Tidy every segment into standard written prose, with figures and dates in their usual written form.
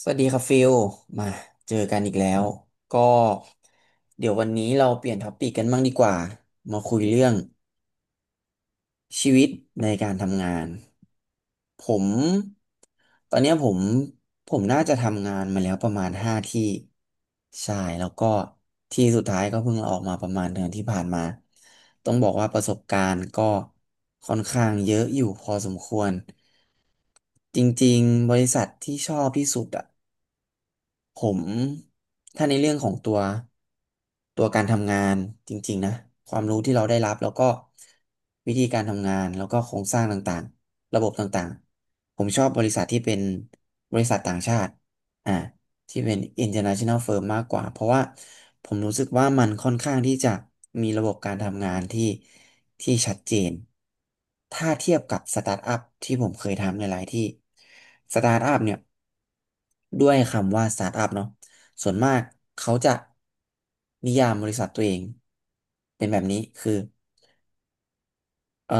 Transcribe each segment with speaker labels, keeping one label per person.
Speaker 1: สวัสดีครับฟิลมาเจอกันอีกแล้วก็เดี๋ยววันนี้เราเปลี่ยนท็อปปิกกันบ้างดีกว่ามาคุยเรื่องชีวิตในการทำงานผมตอนเนี้ยผมน่าจะทำงานมาแล้วประมาณห้าที่ใช่แล้วก็ที่สุดท้ายก็เพิ่งลาออกมาประมาณเดือนที่ผ่านมาต้องบอกว่าประสบการณ์ก็ค่อนข้างเยอะอยู่พอสมควรจริงๆบริษัทที่ชอบที่สุดอะ ผมถ้าในเรื่องของตัวการทำงานจริงๆนะความรู้ที่เราได้รับแล้วก็วิธีการทำงานแล้วก็โครงสร้างต่างๆระบบต่างๆผมชอบบริษัทที่เป็นบริษัทต่างชาติอ่าที่เป็น international firm มากกว่าเพราะว่าผมรู้สึกว่ามันค่อนข้างที่จะมีระบบการทำงานที่ชัดเจนถ้าเทียบกับสตาร์ทอัพที่ผมเคยทำหลายๆที่สตาร์ทอัพเนี่ย ด้วยคำว่าสตาร์ทอัพเนาะส่วนมากเขาจะนิยามบริษัทตัวเองเป็นแบบนี้คือเอ่อ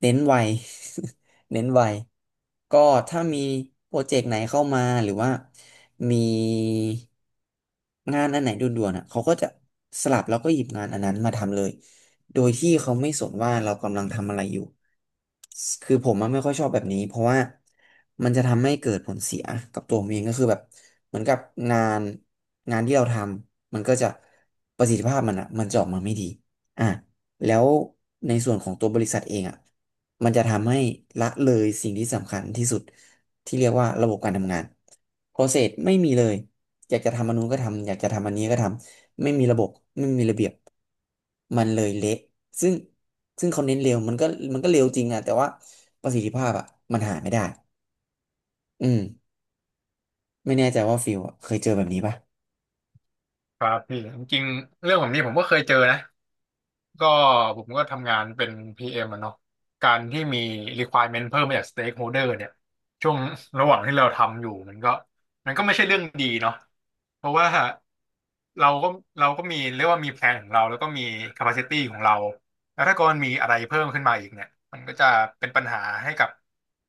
Speaker 1: เน้นไว เน้นไวก็ถ้ามีโปรเจกต์ไหนเข้ามาหรือว่ามีงานอันไหนด่วนๆอ่ะเขาก็จะสลับแล้วก็หยิบงานอันนั้นมาทำเลย โดยที่เขาไม่สนว่าเรากำลังทำอะไรอยู่คือผมอะไม่ค่อยชอบแบบนี้เพราะว่ามันจะทำให้เกิดผลเสียกับตัวผมเองก็คือแบบเหมือนกับงานงานที่เราทำมันก็จะประสิทธิภาพมันอ่ะมันจะออกมาไม่ดีอ่ะแล้วในส่วนของตัวบริษัทเองอ่ะ มันจะทำให้ละเลยสิ่งที่สำคัญที่สุดที่เรียกว่าระบบการทำงาน process ไม่มีเลยอยากจะทำอันนู้นก็ทำอยากจะทำอันนี้ก็ทำไม่มีระบบไม่มีระเบียบมันเลยเละซึ่งซึ่งเขาเน้นเร็วมันก็เร็วจริงอะแต่ว่าประสิทธิภาพอะมันหาไม่ได้ อืมไม่แน่ใจว่าฟิลอะเคยเจอแบบนี้ปะ
Speaker 2: ครับพี่จริงๆเรื่องแบบนี้ผมก็เคยเจอนะก็ผมก็ทำงานเป็น PM อมอะเนาะการที่มี requirement เพิ่มมาจาก stakeholder เนี่ยช่วงระหว่างที่เราทำอยู่มันก็ไม่ใช่เรื่องดีเนาะเพราะว่าเราก็เราก็มีเรียกว่ามีแพลนของเราแล้วก็มี capacity ของเราแล้วถ้าเกิดมันมีอะไรเพิ่มขึ้นมาอีกเนี่ยมันก็จะเป็นปัญหาให้กับ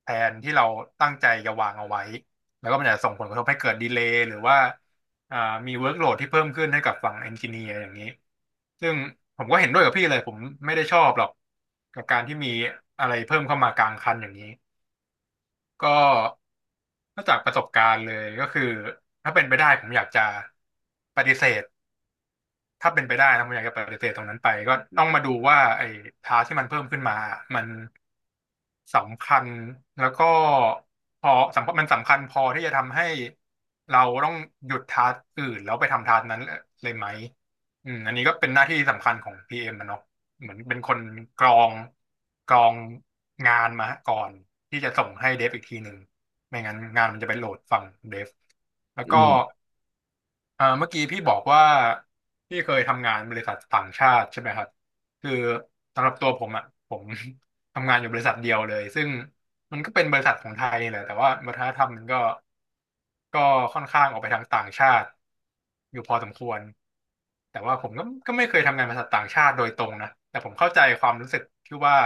Speaker 2: แผนที่เราตั้งใจจะวางเอาไว้แล้วก็มันจะส่งผลกระทบให้เกิดดีเลย์หรือว่า อ่ามีเวิร์กโหลดที่เพิ่มขึ้นให้กับฝั่งเอนจิเนียร์อย่างนี้ซึ่งผมก็เห็นด้วยกับพี่เลยผมไม่ได้ชอบหรอกกับการที่มีอะไรเพิ่มเข้ามากลางคันอย่างนี้ก็ก็จากประสบการณ์เลยก็คือถ้าเป็นไปได้ผมอยากจะปฏิเสธ ถ้าเป็นไปได้นะผมอยากจะปฏิเสธตรงนั้นไปก็ต้องมาดูว่าไอ้ทาสที่มันเพิ่มขึ้นมามันสำคัญแล้วก็พอสำคัญมันสำคัญพอที่จะทำให้เราต้องหยุดทาสอื่นแล้วไปทำทาสนั้นเลยไหมอืมอันนี้ก็เป็นหน้าที่สำคัญของพีเอ็มนะเนาะเหมือนเป็นคนกรองกรองงานมาก่อนที่จะส่งให้เดฟอีกทีหนึ่งไม่งั้นงานมันจะไปโหลดฝั่งเดฟแล้ว
Speaker 1: อื
Speaker 2: ก็
Speaker 1: ม
Speaker 2: เมื่อกี้พี่บอกว่าพี่เคยทำงานบริษัทต่างชาติใช่ไหมครับคือสำหรับตัวผมอ่ะผม ทำงานอยู่บริษัทเดียวเลยซึ่งมันก็เป็นบริษัทของไทยนี่แหละแต่ว่าวัฒนธรรมมันก็ค่อนข้างออกไปทางต่างชาติอยู่พอสมควร แต่ว่าผมก็ไม่เคยทำงานบริษัทต่างชาติโดยตรงนะแต่ผมเข้าใจความรู้สึกที่ว่า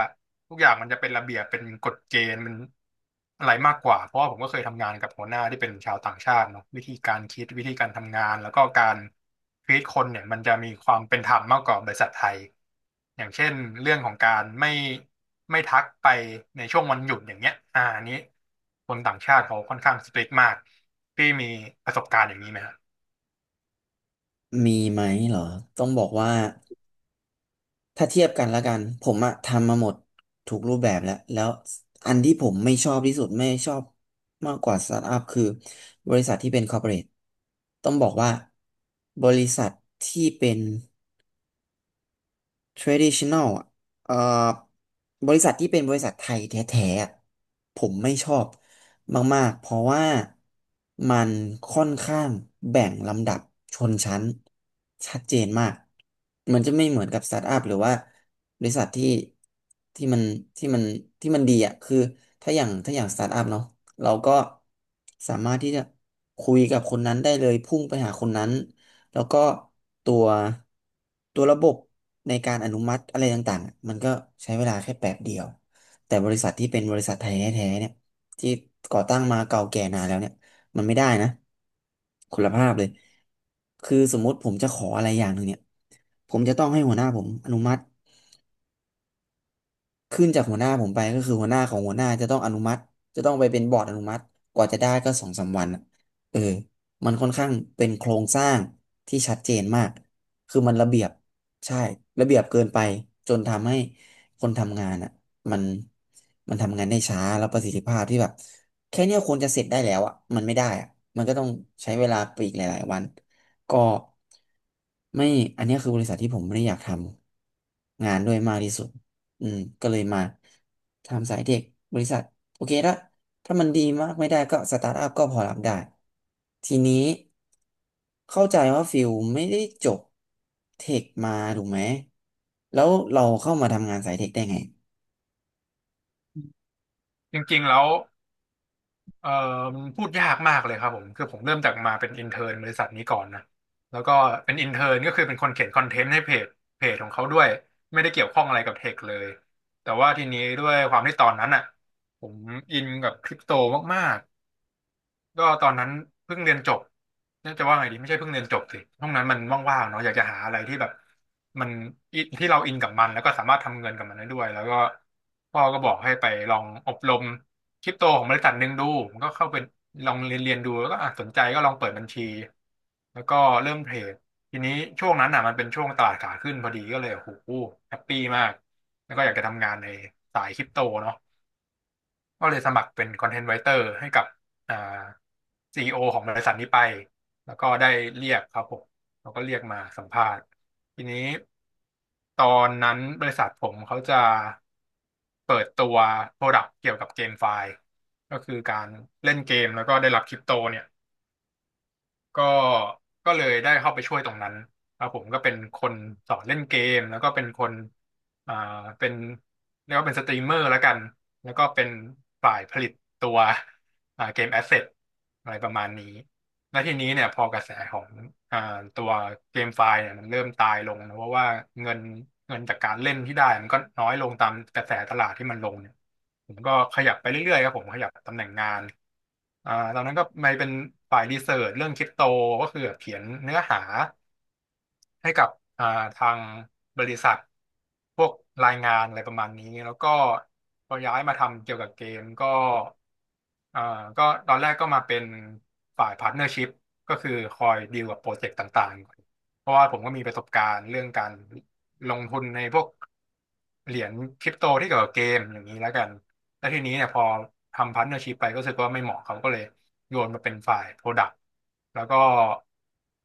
Speaker 2: ทุกอย่างมันจะเป็นระเบียบเป็นกฎเกณฑ์มันอะไรมากกว่าเพราะว่าผมก็เคยทำงานกับหัวหน้าที่เป็นชาวต่างชาติเนาะวิธีการคิดวิธีการทำงานแล้วก็การฟีดคนเนี่ยมันจะมีความเป็นธรรมมากกว่าบริษัทไทยอย่างเช่นเรื่องของการไม่ทักไปในช่วงวันหยุดอย่างเงี้ยอันนี้คนต่างชาติเขาค่อนข้างสตริกมากที่มีประสบการณ์อย่างนี้ไหมฮะ
Speaker 1: มีไหมเหรอต้องบอกว่า ถ้าเทียบกันแล้วกัน ผมอะทำมาหมดทุกรูปแบบแล้ว แล้วอันที่ผมไม่ชอบที่สุดไม่ชอบมากกว่าสตาร์ทอัพคือบริษัทที่เป็นคอร์ปอเรทต้องบอกว่าบริษัทที่เป็น traditional อ่ะเอ่อบริษัทที่เป็นบริษัทไทยแท้ๆอะผมไม่ชอบมากๆ เพราะว่ามันค่อนข้างแบ่งลำดับชนชั้นชัดเจนมาก มันจะไม่เหมือนกับสตาร์ทอัพหรือว่าบริษัทที่มันที่มันที่มันดีอ่ะคือถ้าอย่างสตาร์ทอัพเนาะเราก็สามารถที่จะคุยกับคนนั้นได้เลยพุ่งไปหาคนนั้น แล้วก็ตัวตัวระบบในการอนุมัติอะไรต่างๆ มันก็ใช้เวลาแค่แป๊บเดียว แต่บริษัทที่เป็นบริษัทไทยแท้ๆเนี่ยที่ก่อตั้งมาเก่าแก่นานแล้วเนี่ยมันไม่ได้นะคุณ
Speaker 2: อื
Speaker 1: ภาพเลย
Speaker 2: ม
Speaker 1: คือสมมติผมจะขออะไรอย่างหนึ่งเนี่ยผมจะต้องให้หัวหน้าผมอนุมัติ ขึ้นจากหัวหน้าผมไปก็คือหัวหน้าของหัวหน้าจะต้องอนุมัติจะต้องไปเป็นบอร์ดอนุมัติกว่าจะได้ก็สองสามวันอะเออมันค่อนข้างเป็นโครงสร้างที่ชัดเจนมากคือมันระเบียบใช่ระเบียบเกินไปจนทำให้คนทำงานอ่ะมันมันทำงานได้ช้าแล้วประสิทธิภาพที่แบบแค่เนี้ยควรจะเสร็จได้แล้วอ่ะมันไม่ได้อ่ะมันก็ต้องใช้เวลาไปอีกหลายๆวันก็ไม่อันเนี้ยคือบริษัทที่ผมไม่ได้อยากทำงานด้วยมากที่สุด อืมก็เลยมาทำสายเทคบริษัทโอเคละถ้ามันดีมากไม่ได้ก็สตาร์ทอัพก็พอรับได้ทีนี้เข้าใจว่าฟิลไม่ได้จบเทคมาถูกไหมแล้วเราเข้ามาทำงานสายเทคได้ไง
Speaker 2: จริงๆแล้ว เอ่อมันพูดยากมากเลยครับผมคือผมเริ่มจากมาเป็นอินเท n ร์นบริษัทนี้ก่อนนะแล้วก็เป็นอินเท n ร์นก็คือเป็นคนเขียนคอนเทนต์ให้เพจของเขาด้วยไม่ได้เกี่ยวข้องอะไรกับเทคเลยแต่ว่าทีนี้ด้วยความที่ตอนนั้นอ่ะผมอินกับคริปโตมาก ก็ตอนนั้นเพิ่งเรียนจบน่าจะว่าไงดีไม่ใช่เพิ่งเรียนจบสิห้องนั้นมันว่างๆเนาะอยากจะหาอะไรที่แบบมันอิที่เราอินกับมันแล้วก็สามารถทำเงินกับมันได้ด้วยแล้วก็พ่อก็บอกให้ไปลองอบรมคริปโตของบริษัทหนึ่งดูผมก็เข้าไปลองเรียนดูแล้วก็อ่ะสนใจก็ลองเปิดบัญชีแล้วก็เริ่มเทรดทีนี้ช่วงนั้นอ่ะมันเป็นช่วงตลาดขาขึ้นพอดีก็เลยโอ้โหแฮปปี้มากแล้วก็อยากจะทำงานในสายคริปโตเนาะ ก็เลยสมัครเป็นคอนเทนต์ไรเตอร์ให้กับอ่าซีอีโอของบริษัทนี้ไป แล้วก็ได้เรียกครับผมแล้วก็เรียกมาสัมภาษณ์ ทีนี้ตอนนั้นบริษัทผมเขาจะเปิดตัวโปรดักต์เกี่ยวกับเกมไฟล์ ก็คือการเล่นเกมแล้วก็ได้รับคริปโตเนี่ย ก็ก็เลยได้เข้าไปช่วยตรงนั้นครับผมก็เป็นคนสอนเล่นเกมแล้วก็เป็นคนอ่าเป็นเรียกว่าเป็นสตรีมเมอร์แล้วกัน แล้วก็เป็นฝ่ายผลิตตัวเกมแอสเซทอะไรประมาณนี้ แล้วทีนี้เนี่ยพอกระแสของอ่าตัวเกมไฟล์เนี่ยมันเริ่มตายลงนะเพราะว่าเงินเงินจากการเล่นที่ได้มันก็น้อยลงตามกระแสตลาดที่มันลงเนี่ยผมก็ขยับไปเรื่อยๆครับผมขยับตำแหน่งงานตอนนั้นก็ไปเป็นฝ่ายรีเสิร์ชเรื่องคริปโตก็คือแบบเขียนเนื้อหา ให้กับอ่าทางบริษัทพวกรายงานอะไรประมาณนี้แล้วก็พอย้ายมาทำเกี่ยวกับเกมก็อ่าก็ตอนแรกก็มาเป็นฝ่ายพาร์ทเนอร์ชิพก็คือคอยดีลกับโปรเจกต์ต่างๆก่อนเพราะว่าผมก็มีประสบการณ์เรื่องการลงทุนในพวก เหรียญคริปโตที่เกี่ยวกับเกมอย่างนี้แล้วกันแล้วทีนี้เนี่ยพอทำพาร์ทเนอร์ชิพไปก็รู้สึกว่าไม่เหมาะเขาก็เลยโยนมาเป็นฝ่ายโปรดักต์แล้วก็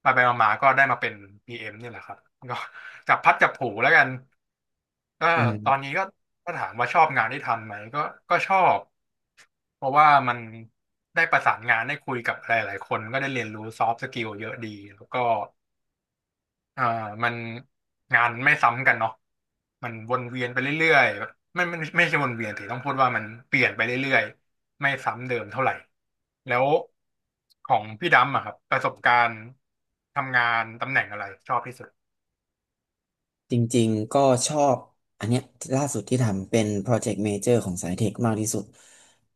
Speaker 2: ไปไปมาๆก็ได้มาเป็น PM นี่แหละครับก็ จับพัดจับผูแล้วกันก็
Speaker 1: อื
Speaker 2: ตอน
Speaker 1: ม
Speaker 2: นี้ก็ก็ถามว่าชอบงานที่ทำไหมก็ก็ชอบเพราะว่ามันได้ประสานงานได้คุยกับหลายๆคนก็ได้เรียนรู้ซอฟต์สกิลเยอะดีแล้วก็ อ่ามันงานไม่ซ้ำกันเนาะมันวนเวียนไปเรื่อยๆแบบไม่ใช่วนเวียนแต่ต้องพูดว่ามันเปลี่ยนไปเรื่อยๆไม่ซ้ำเดิมเท่าไหร่แล้วของพี่ดำอะครับประสบการณ์ทำงานตำแหน่งอะไรชอบที่สุด
Speaker 1: จริงๆ ก็ชอบอันเนี้ยล่าสุดที่ทำเป็นโปรเจกต์เมเจอร์ของสายเทคมากที่สุด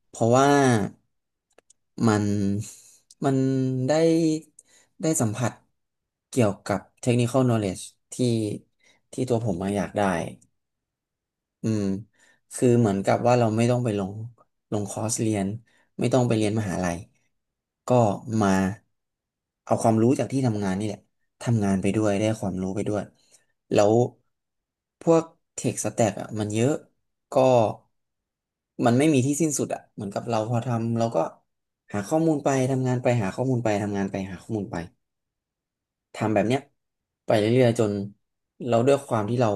Speaker 1: เพราะว่ามันมันได้ได้สัมผัสเกี่ยวกับ technical knowledge ที่ที่ตัวผมมาอยากได้ อืมคือเหมือนกับว่าเราไม่ต้องไปลงคอร์สเรียนไม่ต้องไปเรียนมหาลัยก็มาเอาความรู้จากที่ทำงานนี่แหละทำงานไปด้วยได้ความรู้ไปด้วยแล้วพวกเทคสแต็กอ่ะมันเยอะก็มันไม่มีที่สิ้นสุดอ่ะเหมือนกับเราพอทำเราก็หาข้อมูลไปทำงานไปหาข้อมูลไปทำงานไปหาข้อมูลไป ทำแบบเนี้ยไปเรื่อยๆจนเราด้วยความที่เรา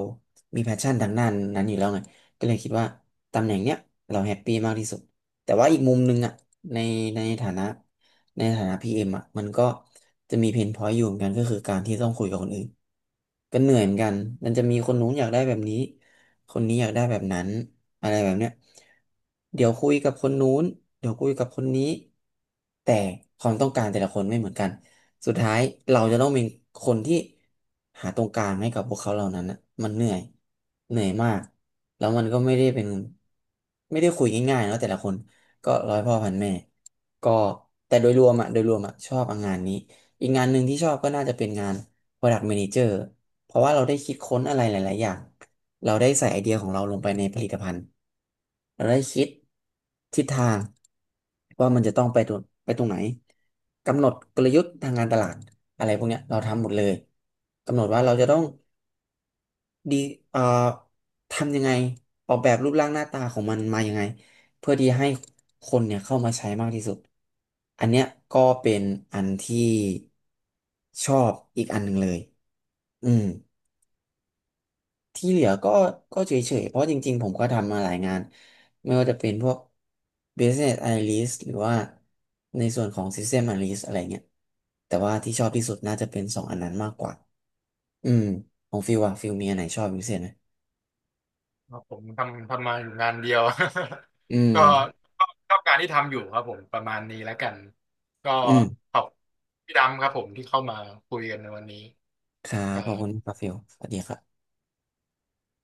Speaker 1: มีแพชชั่นทางด้านนั้นอยู่แล้วไงก็เลยคิดว่าตำแหน่งเนี้ยเราแฮปปี้มากที่สุดแต่ว่าอีกมุมหนึงอ่ะในในฐานะในฐานะพีเอ็มอ่ะมันก็จะมีเพนพอยต์อยู่เหมือนกันก็คือการที่ต้องคุยกับคนอื่นก็เหนื่อยเหมือนกันมันจะมีคนนู้นอยากได้แบบนี้ คนนี้อยากได้แบบนั้นอะไรแบบเนี้ยเดี๋ยวคุยกับคนนู้นเดี๋ยวคุยกับคนนี้แต่ความต้องการแต่ละคนไม่เหมือนกัน สุดท้ายเราจะต้องเป็นคนที่หาตรงกลางให้กับพวกเขาเหล่านั้นนะมันเหนื่อยเหนื่อยมากแล้วมันก็ไม่ได้เป็นไม่ได้คุยง่ายๆนะแต่ละคนก็ร้อยพ่อพันแม่ก็แต่โดยรวมอะชอบงานนี้อีกงานหนึ่งที่ชอบก็น่าจะเป็นงาน Product Manager เพราะว่าเราได้คิดค้นอะไรหลายๆอย่าง เราได้ใส่ไอเดียของเราลงไปในผลิตภัณฑ์เราได้คิดทิศทางว่ามันจะต้องไปตรงไปตรงไหน กำหนดกลยุทธ์ทางการตลาดอะไรพวกเนี้ยเราทำหมดเลย กำหนดว่าเราจะต้องดีเอ่อทำยังไงออกแบบรูปร่างหน้าตาของมันมายังไงเพื่อที่ให้คนเนี่ยเข้ามาใช้มากที่สุด อันเนี้ยก็เป็นอันที่ชอบอีกอันหนึ่งเลยอืม ที่เหลือก็ก็เฉยๆ เพราะจริงๆผมก็ทำมาหลายงานไม่ว่าจะเป็นพวก Business Analyst หรือว่าในส่วนของ System Analyst อะไรเงี้ยแต่ว่าที่ชอบที่สุดน่าจะเป็นสองอันนั้นมากกว่า อืมของฟิลมีอันไหนชอบเป็นพิเศษไหม
Speaker 2: อ๋อผมทำมาอยู่งานเดียว
Speaker 1: อืม
Speaker 2: ก็ชอบงานที่ทำอยู่ครับผมประมาณนี้แล้วกันก็
Speaker 1: อืม
Speaker 2: ขอบพี่ดำครับผมที่เข้ามาคุยกันในวันนี้
Speaker 1: ครั
Speaker 2: ค
Speaker 1: บ
Speaker 2: รั
Speaker 1: ขอบคุณ
Speaker 2: บ
Speaker 1: ครับฟิลสวัสดีครับ